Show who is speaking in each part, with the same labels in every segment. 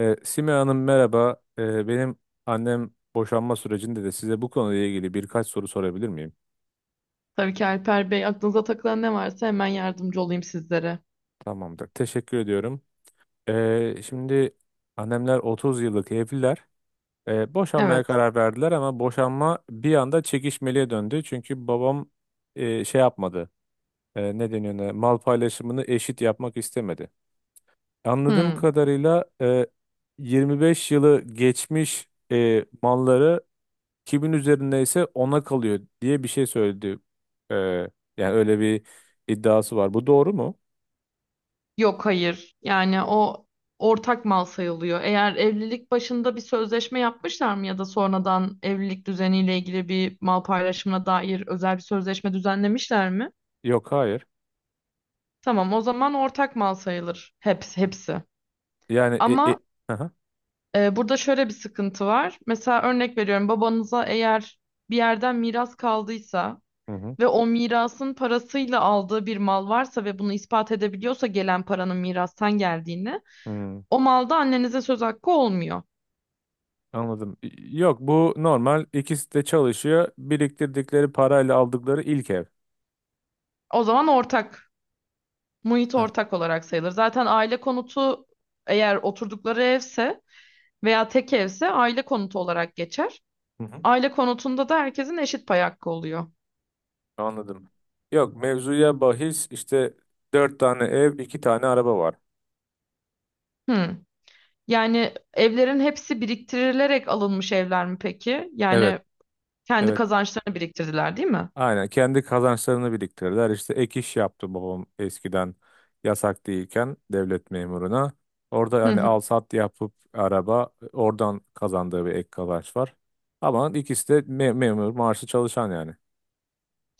Speaker 1: Sime Hanım, merhaba. Benim annem boşanma sürecinde de size bu konuyla ilgili birkaç soru sorabilir miyim?
Speaker 2: Tabii ki Alper Bey, aklınıza takılan ne varsa hemen yardımcı olayım sizlere.
Speaker 1: Tamamdır. Teşekkür ediyorum. Şimdi annemler 30 yıllık evliler. Boşanmaya
Speaker 2: Evet.
Speaker 1: karar verdiler ama boşanma bir anda çekişmeliye döndü. Çünkü babam şey yapmadı. Ne deniyor ona? Mal paylaşımını eşit yapmak istemedi. Anladığım
Speaker 2: Hmm.
Speaker 1: kadarıyla 25 yılı geçmiş malları kimin üzerindeyse ona kalıyor diye bir şey söyledi. Ee, Yani öyle bir iddiası var. Bu doğru mu?
Speaker 2: Yok hayır. Yani o ortak mal sayılıyor. Eğer evlilik başında bir sözleşme yapmışlar mı ya da sonradan evlilik düzeniyle ilgili bir mal paylaşımına dair özel bir sözleşme düzenlemişler mi?
Speaker 1: Yok, hayır.
Speaker 2: Tamam, o zaman ortak mal sayılır. Hepsi, hepsi.
Speaker 1: Yani
Speaker 2: Ama
Speaker 1: aha,
Speaker 2: burada şöyle bir sıkıntı var. Mesela örnek veriyorum, babanıza eğer bir yerden miras kaldıysa
Speaker 1: hı hı.
Speaker 2: ve o mirasın parasıyla aldığı bir mal varsa ve bunu ispat edebiliyorsa gelen paranın mirastan geldiğini,
Speaker 1: Hı.
Speaker 2: o malda annenize söz hakkı olmuyor.
Speaker 1: Anladım. Yok, bu normal. İkisi de çalışıyor. Biriktirdikleri parayla aldıkları ilk ev.
Speaker 2: O zaman ortak, muhit
Speaker 1: Heh.
Speaker 2: ortak olarak sayılır. Zaten aile konutu eğer oturdukları evse veya tek evse aile konutu olarak geçer.
Speaker 1: Hı hı.
Speaker 2: Aile konutunda da herkesin eşit pay hakkı oluyor.
Speaker 1: Anladım. Yok, mevzuya bahis işte dört tane ev, iki tane araba var.
Speaker 2: Hmm. Yani evlerin hepsi biriktirilerek alınmış evler mi peki?
Speaker 1: Evet,
Speaker 2: Yani kendi
Speaker 1: evet.
Speaker 2: kazançlarını biriktirdiler, değil mi?
Speaker 1: Aynen kendi kazançlarını biriktirirler. İşte ek iş yaptı babam eskiden yasak değilken devlet memuruna. Orada
Speaker 2: Hı
Speaker 1: hani al
Speaker 2: hı.
Speaker 1: sat yapıp araba oradan kazandığı bir ek kazanç var. Ama ikisi de memur maaşlı çalışan yani.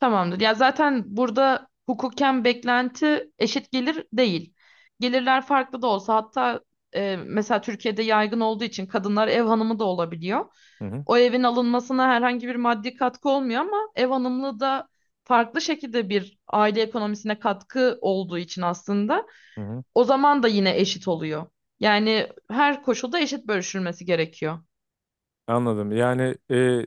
Speaker 2: Tamamdır. Ya zaten burada hukuken beklenti eşit gelir değil. Gelirler farklı da olsa, hatta mesela Türkiye'de yaygın olduğu için kadınlar ev hanımı da olabiliyor.
Speaker 1: Hı hı.
Speaker 2: O evin alınmasına herhangi bir maddi katkı olmuyor ama ev hanımlığı da farklı şekilde bir aile ekonomisine katkı olduğu için aslında
Speaker 1: Hı hı.
Speaker 2: o zaman da yine eşit oluyor. Yani her koşulda eşit bölüşülmesi gerekiyor.
Speaker 1: Anladım. Yani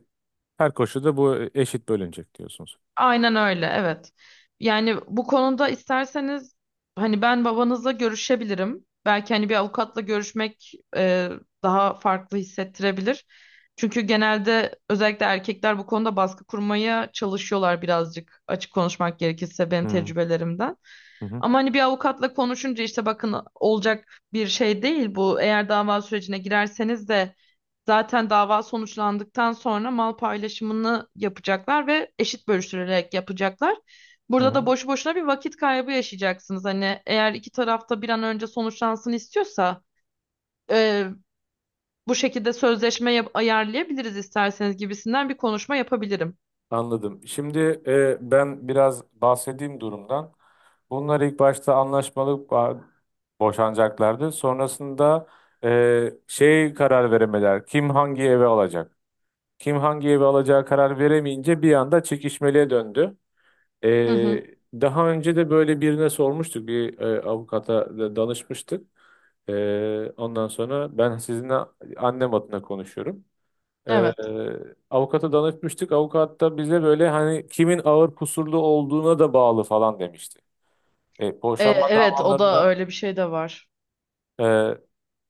Speaker 1: her koşulda bu eşit bölünecek diyorsunuz.
Speaker 2: Aynen öyle, evet. Yani bu konuda isterseniz hani ben babanızla görüşebilirim. Belki hani bir avukatla görüşmek daha farklı hissettirebilir. Çünkü genelde özellikle erkekler bu konuda baskı kurmaya çalışıyorlar birazcık, açık konuşmak gerekirse
Speaker 1: Hı
Speaker 2: benim
Speaker 1: hı.
Speaker 2: tecrübelerimden.
Speaker 1: Hı hı.
Speaker 2: Ama hani bir avukatla konuşunca işte bakın, olacak bir şey değil bu. Eğer dava sürecine girerseniz de zaten dava sonuçlandıktan sonra mal paylaşımını yapacaklar ve eşit bölüştürerek yapacaklar.
Speaker 1: Hı
Speaker 2: Burada da
Speaker 1: hı.
Speaker 2: boşu boşuna bir vakit kaybı yaşayacaksınız. Hani eğer iki tarafta bir an önce sonuçlansın istiyorsa e, bu şekilde sözleşme ayarlayabiliriz isterseniz gibisinden bir konuşma yapabilirim.
Speaker 1: Anladım. Şimdi ben biraz bahsedeyim durumdan. Bunlar ilk başta anlaşmalı boşanacaklardı. Sonrasında şey, karar veremediler. Kim hangi eve alacak? Kim hangi eve alacağı karar veremeyince bir anda çekişmeliğe döndü. E,
Speaker 2: Hı hı,
Speaker 1: Daha önce de böyle birine sormuştuk. Bir avukata da danışmıştık. Ondan sonra ben sizinle annem adına konuşuyorum. Ee,
Speaker 2: evet.
Speaker 1: Avukata danışmıştık. Avukat da bize böyle hani kimin ağır kusurlu olduğuna da bağlı falan demişti. Boşanma
Speaker 2: Evet, o da
Speaker 1: davalarında
Speaker 2: öyle bir şey de var.
Speaker 1: e,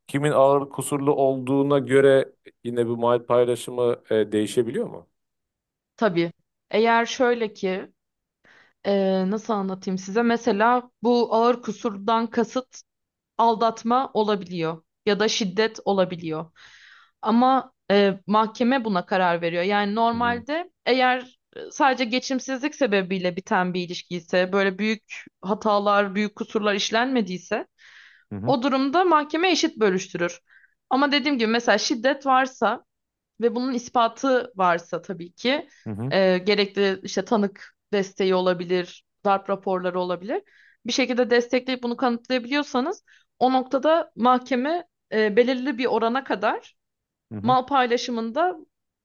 Speaker 1: kimin ağır kusurlu olduğuna göre yine bu mal paylaşımı değişebiliyor mu?
Speaker 2: Tabii. Eğer şöyle ki nasıl anlatayım size, mesela bu ağır kusurdan kasıt aldatma olabiliyor ya da şiddet olabiliyor. Ama mahkeme buna karar veriyor. Yani
Speaker 1: Hı hı.
Speaker 2: normalde eğer sadece geçimsizlik sebebiyle biten bir ilişki ise, böyle büyük hatalar, büyük kusurlar işlenmediyse
Speaker 1: Hı hı.
Speaker 2: o durumda mahkeme eşit bölüştürür. Ama dediğim gibi, mesela şiddet varsa ve bunun ispatı varsa, tabii ki
Speaker 1: Hı hı.
Speaker 2: gerekli işte tanık desteği olabilir, darp raporları olabilir. Bir şekilde destekleyip bunu kanıtlayabiliyorsanız o noktada mahkeme belirli bir orana kadar
Speaker 1: Hı.
Speaker 2: mal paylaşımında,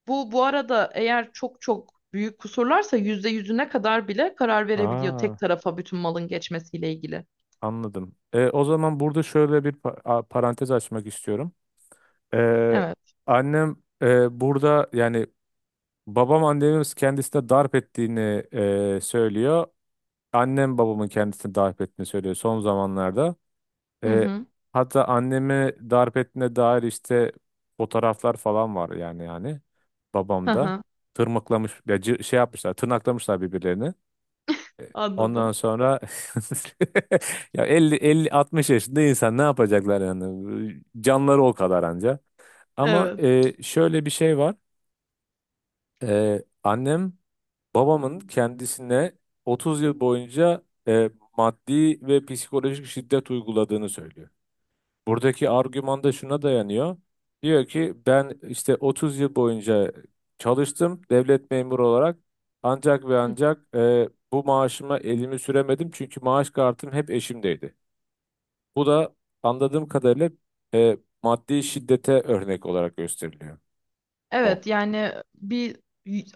Speaker 2: bu arada eğer çok çok büyük kusurlarsa yüzde yüzüne kadar bile karar verebiliyor
Speaker 1: Aa,
Speaker 2: tek tarafa bütün malın geçmesiyle ilgili.
Speaker 1: anladım. O zaman burada şöyle bir parantez açmak istiyorum. E,
Speaker 2: Evet.
Speaker 1: Annem burada yani babam annemi kendisine darp ettiğini söylüyor. Annem babamın kendisini darp ettiğini söylüyor son zamanlarda.
Speaker 2: Hı
Speaker 1: E,
Speaker 2: hı.
Speaker 1: Hatta annemi darp ettiğine dair işte fotoğraflar falan var, yani
Speaker 2: Hı
Speaker 1: babamda.
Speaker 2: hı.
Speaker 1: Tırmıklamış ya, şey yapmışlar, tırnaklamışlar birbirlerini.
Speaker 2: Anladım.
Speaker 1: Ondan sonra ya, elli, 50 60 yaşında insan ne yapacaklar yani, canları o kadar anca. Ama
Speaker 2: Evet.
Speaker 1: şöyle bir şey var. Annem, babamın kendisine 30 yıl boyunca e, maddi ve psikolojik şiddet uyguladığını söylüyor. Buradaki argüman da şuna dayanıyor. Diyor ki ben işte 30 yıl boyunca çalıştım devlet memuru olarak, ancak ve ancak bu maaşıma elimi süremedim çünkü maaş kartım hep eşimdeydi. Bu da anladığım kadarıyla e, maddi şiddete örnek olarak gösteriliyor. Mo.
Speaker 2: Evet, yani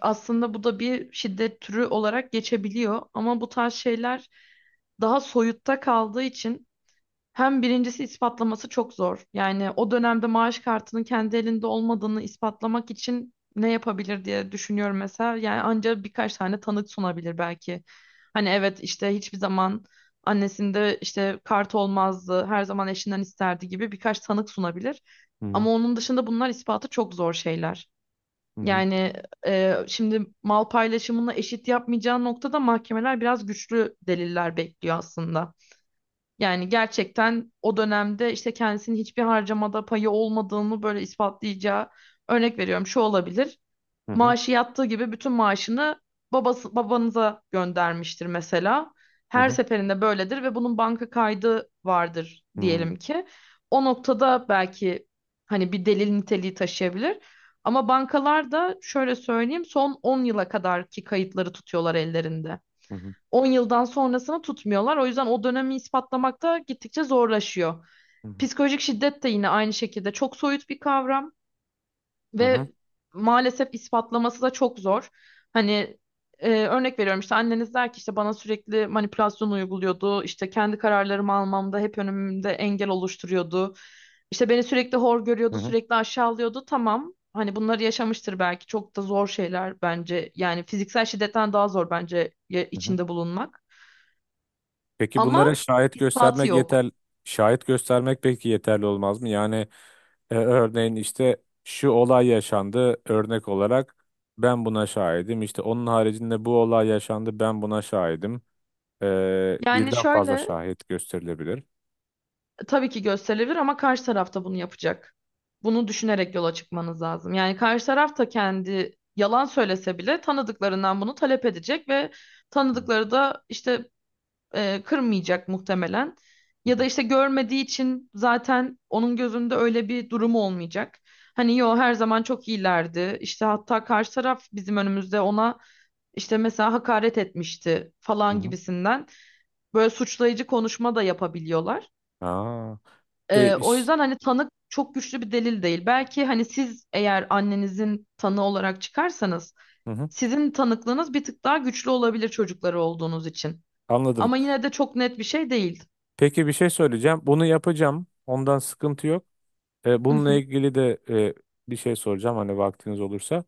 Speaker 2: aslında bu da bir şiddet türü olarak geçebiliyor ama bu tarz şeyler daha soyutta kaldığı için, hem birincisi, ispatlaması çok zor. Yani o dönemde maaş kartının kendi elinde olmadığını ispatlamak için ne yapabilir diye düşünüyorum mesela. Yani ancak birkaç tane tanık sunabilir belki. Hani evet, işte hiçbir zaman annesinde işte kart olmazdı, her zaman eşinden isterdi gibi birkaç tanık sunabilir.
Speaker 1: Hı hı.
Speaker 2: Ama onun dışında bunlar ispatı çok zor şeyler.
Speaker 1: Hı hı.
Speaker 2: Yani şimdi mal paylaşımını eşit yapmayacağı noktada mahkemeler biraz güçlü deliller bekliyor aslında. Yani gerçekten o dönemde işte kendisinin hiçbir harcamada payı olmadığını böyle ispatlayacağı, örnek veriyorum, şu olabilir:
Speaker 1: Hı hı.
Speaker 2: maaşı yattığı gibi bütün maaşını babanıza göndermiştir mesela.
Speaker 1: Hı
Speaker 2: Her
Speaker 1: hı.
Speaker 2: seferinde böyledir ve bunun banka kaydı vardır
Speaker 1: Hı hı.
Speaker 2: diyelim ki. O noktada belki hani bir delil niteliği taşıyabilir. Ama bankalar da, şöyle söyleyeyim, son 10 yıla kadarki kayıtları tutuyorlar ellerinde.
Speaker 1: Hı hı.
Speaker 2: 10 yıldan sonrasını tutmuyorlar. O yüzden o dönemi ispatlamak da gittikçe zorlaşıyor. Psikolojik şiddet de yine aynı şekilde çok soyut bir kavram.
Speaker 1: Hı hı.
Speaker 2: Ve maalesef ispatlaması da çok zor. Hani örnek veriyorum, işte anneniz der ki işte bana sürekli manipülasyon uyguluyordu. İşte kendi kararlarımı almamda hep önümde engel oluşturuyordu. İşte beni sürekli hor
Speaker 1: Hı
Speaker 2: görüyordu,
Speaker 1: hı.
Speaker 2: sürekli aşağılıyordu. Tamam. Hani bunları yaşamıştır belki. Çok da zor şeyler bence. Yani fiziksel şiddetten daha zor bence
Speaker 1: Hı hı.
Speaker 2: içinde bulunmak.
Speaker 1: Peki bunlara
Speaker 2: Ama
Speaker 1: şahit
Speaker 2: ispatı
Speaker 1: göstermek
Speaker 2: yok.
Speaker 1: yeter, şahit göstermek peki yeterli olmaz mı? Yani örneğin işte şu olay yaşandı örnek olarak, ben buna şahidim. İşte onun haricinde bu olay yaşandı, ben buna şahidim.
Speaker 2: Yani
Speaker 1: Birden fazla
Speaker 2: şöyle,
Speaker 1: şahit gösterilebilir.
Speaker 2: tabii ki gösterilir ama karşı tarafta bunu yapacak. Bunu düşünerek yola çıkmanız lazım. Yani karşı taraf da kendi yalan söylese bile tanıdıklarından bunu talep edecek ve
Speaker 1: Hı
Speaker 2: tanıdıkları da işte kırmayacak muhtemelen.
Speaker 1: hı.
Speaker 2: Ya da
Speaker 1: Hı.
Speaker 2: işte görmediği için zaten onun gözünde öyle bir durumu olmayacak. Hani yo, her zaman çok iyilerdi. İşte hatta karşı taraf bizim önümüzde ona işte mesela hakaret etmişti falan
Speaker 1: Hı.
Speaker 2: gibisinden böyle suçlayıcı konuşma da yapabiliyorlar.
Speaker 1: Aa, e,
Speaker 2: O
Speaker 1: iş-
Speaker 2: yüzden hani tanık çok güçlü bir delil değil. Belki hani siz, eğer annenizin tanığı olarak çıkarsanız,
Speaker 1: hı hı.
Speaker 2: sizin tanıklığınız bir tık daha güçlü olabilir çocukları olduğunuz için.
Speaker 1: Anladım.
Speaker 2: Ama yine de çok net bir şey değil.
Speaker 1: Peki bir şey söyleyeceğim. Bunu yapacağım. Ondan sıkıntı yok.
Speaker 2: Hı
Speaker 1: Bununla
Speaker 2: hı.
Speaker 1: ilgili de bir şey soracağım hani vaktiniz olursa.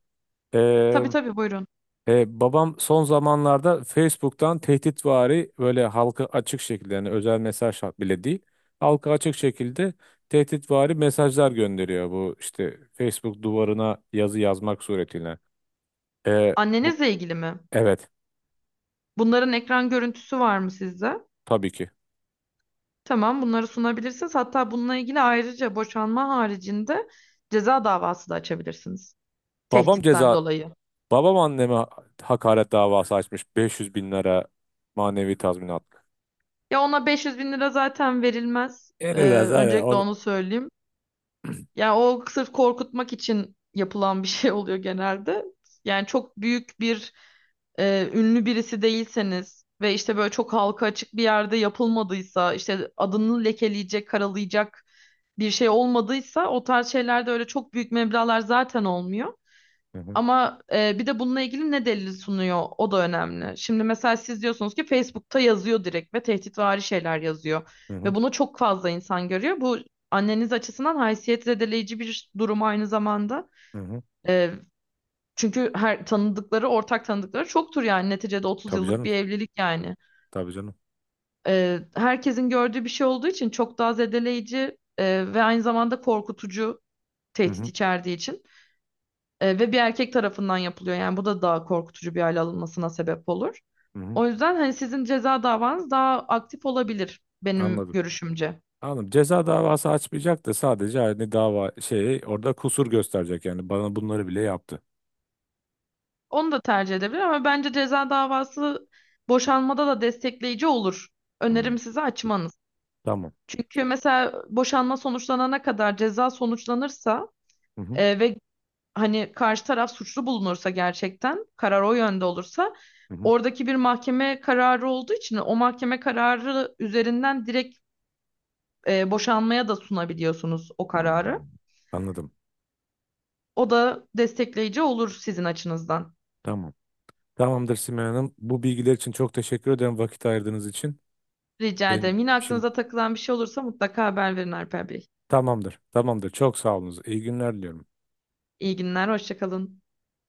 Speaker 1: E,
Speaker 2: Tabii tabii, buyurun.
Speaker 1: Babam son zamanlarda Facebook'tan tehditvari, böyle halka açık şekilde, yani özel mesaj bile değil. Halka açık şekilde tehditvari mesajlar gönderiyor, bu işte Facebook duvarına yazı yazmak suretiyle. E, Bu,
Speaker 2: Annenizle ilgili mi?
Speaker 1: evet.
Speaker 2: Bunların ekran görüntüsü var mı sizde?
Speaker 1: Tabii ki.
Speaker 2: Tamam, bunları sunabilirsiniz. Hatta bununla ilgili ayrıca boşanma haricinde ceza davası da açabilirsiniz.
Speaker 1: Babam ceza
Speaker 2: Tehditten dolayı.
Speaker 1: babam anneme hakaret davası açmış, 500 bin lira manevi tazminat.
Speaker 2: Ya ona 500 bin lira zaten verilmez.
Speaker 1: Eriler zaten
Speaker 2: Öncelikle
Speaker 1: o...
Speaker 2: onu söyleyeyim. Yani o sırf korkutmak için yapılan bir şey oluyor genelde. Yani çok büyük bir ünlü birisi değilseniz ve işte böyle çok halka açık bir yerde yapılmadıysa, işte adını lekeleyecek, karalayacak bir şey olmadıysa, o tarz şeylerde öyle çok büyük meblağlar zaten olmuyor.
Speaker 1: Hı hı.
Speaker 2: Ama bir de bununla ilgili ne delil sunuyor, o da önemli. Şimdi mesela siz diyorsunuz ki Facebook'ta yazıyor direkt ve tehditvari şeyler yazıyor.
Speaker 1: Hı hı.
Speaker 2: Ve bunu çok fazla insan görüyor. Bu anneniz açısından haysiyet zedeleyici bir durum aynı zamanda.
Speaker 1: Hı hı.
Speaker 2: E, Çünkü her tanıdıkları, ortak tanıdıkları çoktur yani. Neticede 30
Speaker 1: Tabii
Speaker 2: yıllık
Speaker 1: canım.
Speaker 2: bir evlilik yani.
Speaker 1: Tabii canım.
Speaker 2: Herkesin gördüğü bir şey olduğu için çok daha zedeleyici ve aynı zamanda korkutucu,
Speaker 1: Hı
Speaker 2: tehdit
Speaker 1: hı.
Speaker 2: içerdiği için. Ve bir erkek tarafından yapılıyor. Yani bu da daha korkutucu bir hale alınmasına sebep olur.
Speaker 1: Hı hı.
Speaker 2: O yüzden hani sizin ceza davanız daha aktif olabilir benim
Speaker 1: Anladım.
Speaker 2: görüşümce.
Speaker 1: Anladım. Ceza davası açmayacak da sadece hani dava, şey, orada kusur gösterecek, yani bana bunları bile yaptı.
Speaker 2: Onu da tercih edebilir ama bence ceza davası boşanmada da destekleyici olur.
Speaker 1: Hmm.
Speaker 2: Önerim size açmanız.
Speaker 1: Tamam.
Speaker 2: Çünkü mesela boşanma sonuçlanana kadar ceza sonuçlanırsa
Speaker 1: Hı hı.
Speaker 2: ve hani karşı taraf suçlu bulunursa, gerçekten karar o yönde olursa,
Speaker 1: Hı hı.
Speaker 2: oradaki bir mahkeme kararı olduğu için o mahkeme kararı üzerinden direkt boşanmaya da sunabiliyorsunuz o kararı.
Speaker 1: Anladım. Anladım.
Speaker 2: O da destekleyici olur sizin açınızdan.
Speaker 1: Tamam. Tamamdır, Simay Hanım. Bu bilgiler için çok teşekkür ederim, vakit ayırdığınız için.
Speaker 2: Rica
Speaker 1: Benim
Speaker 2: ederim. Yine
Speaker 1: şimdi
Speaker 2: aklınıza takılan bir şey olursa mutlaka haber verin Alper Bey.
Speaker 1: tamamdır. Tamamdır. Çok sağ olunuz. İyi günler diliyorum.
Speaker 2: İyi günler, hoşça kalın.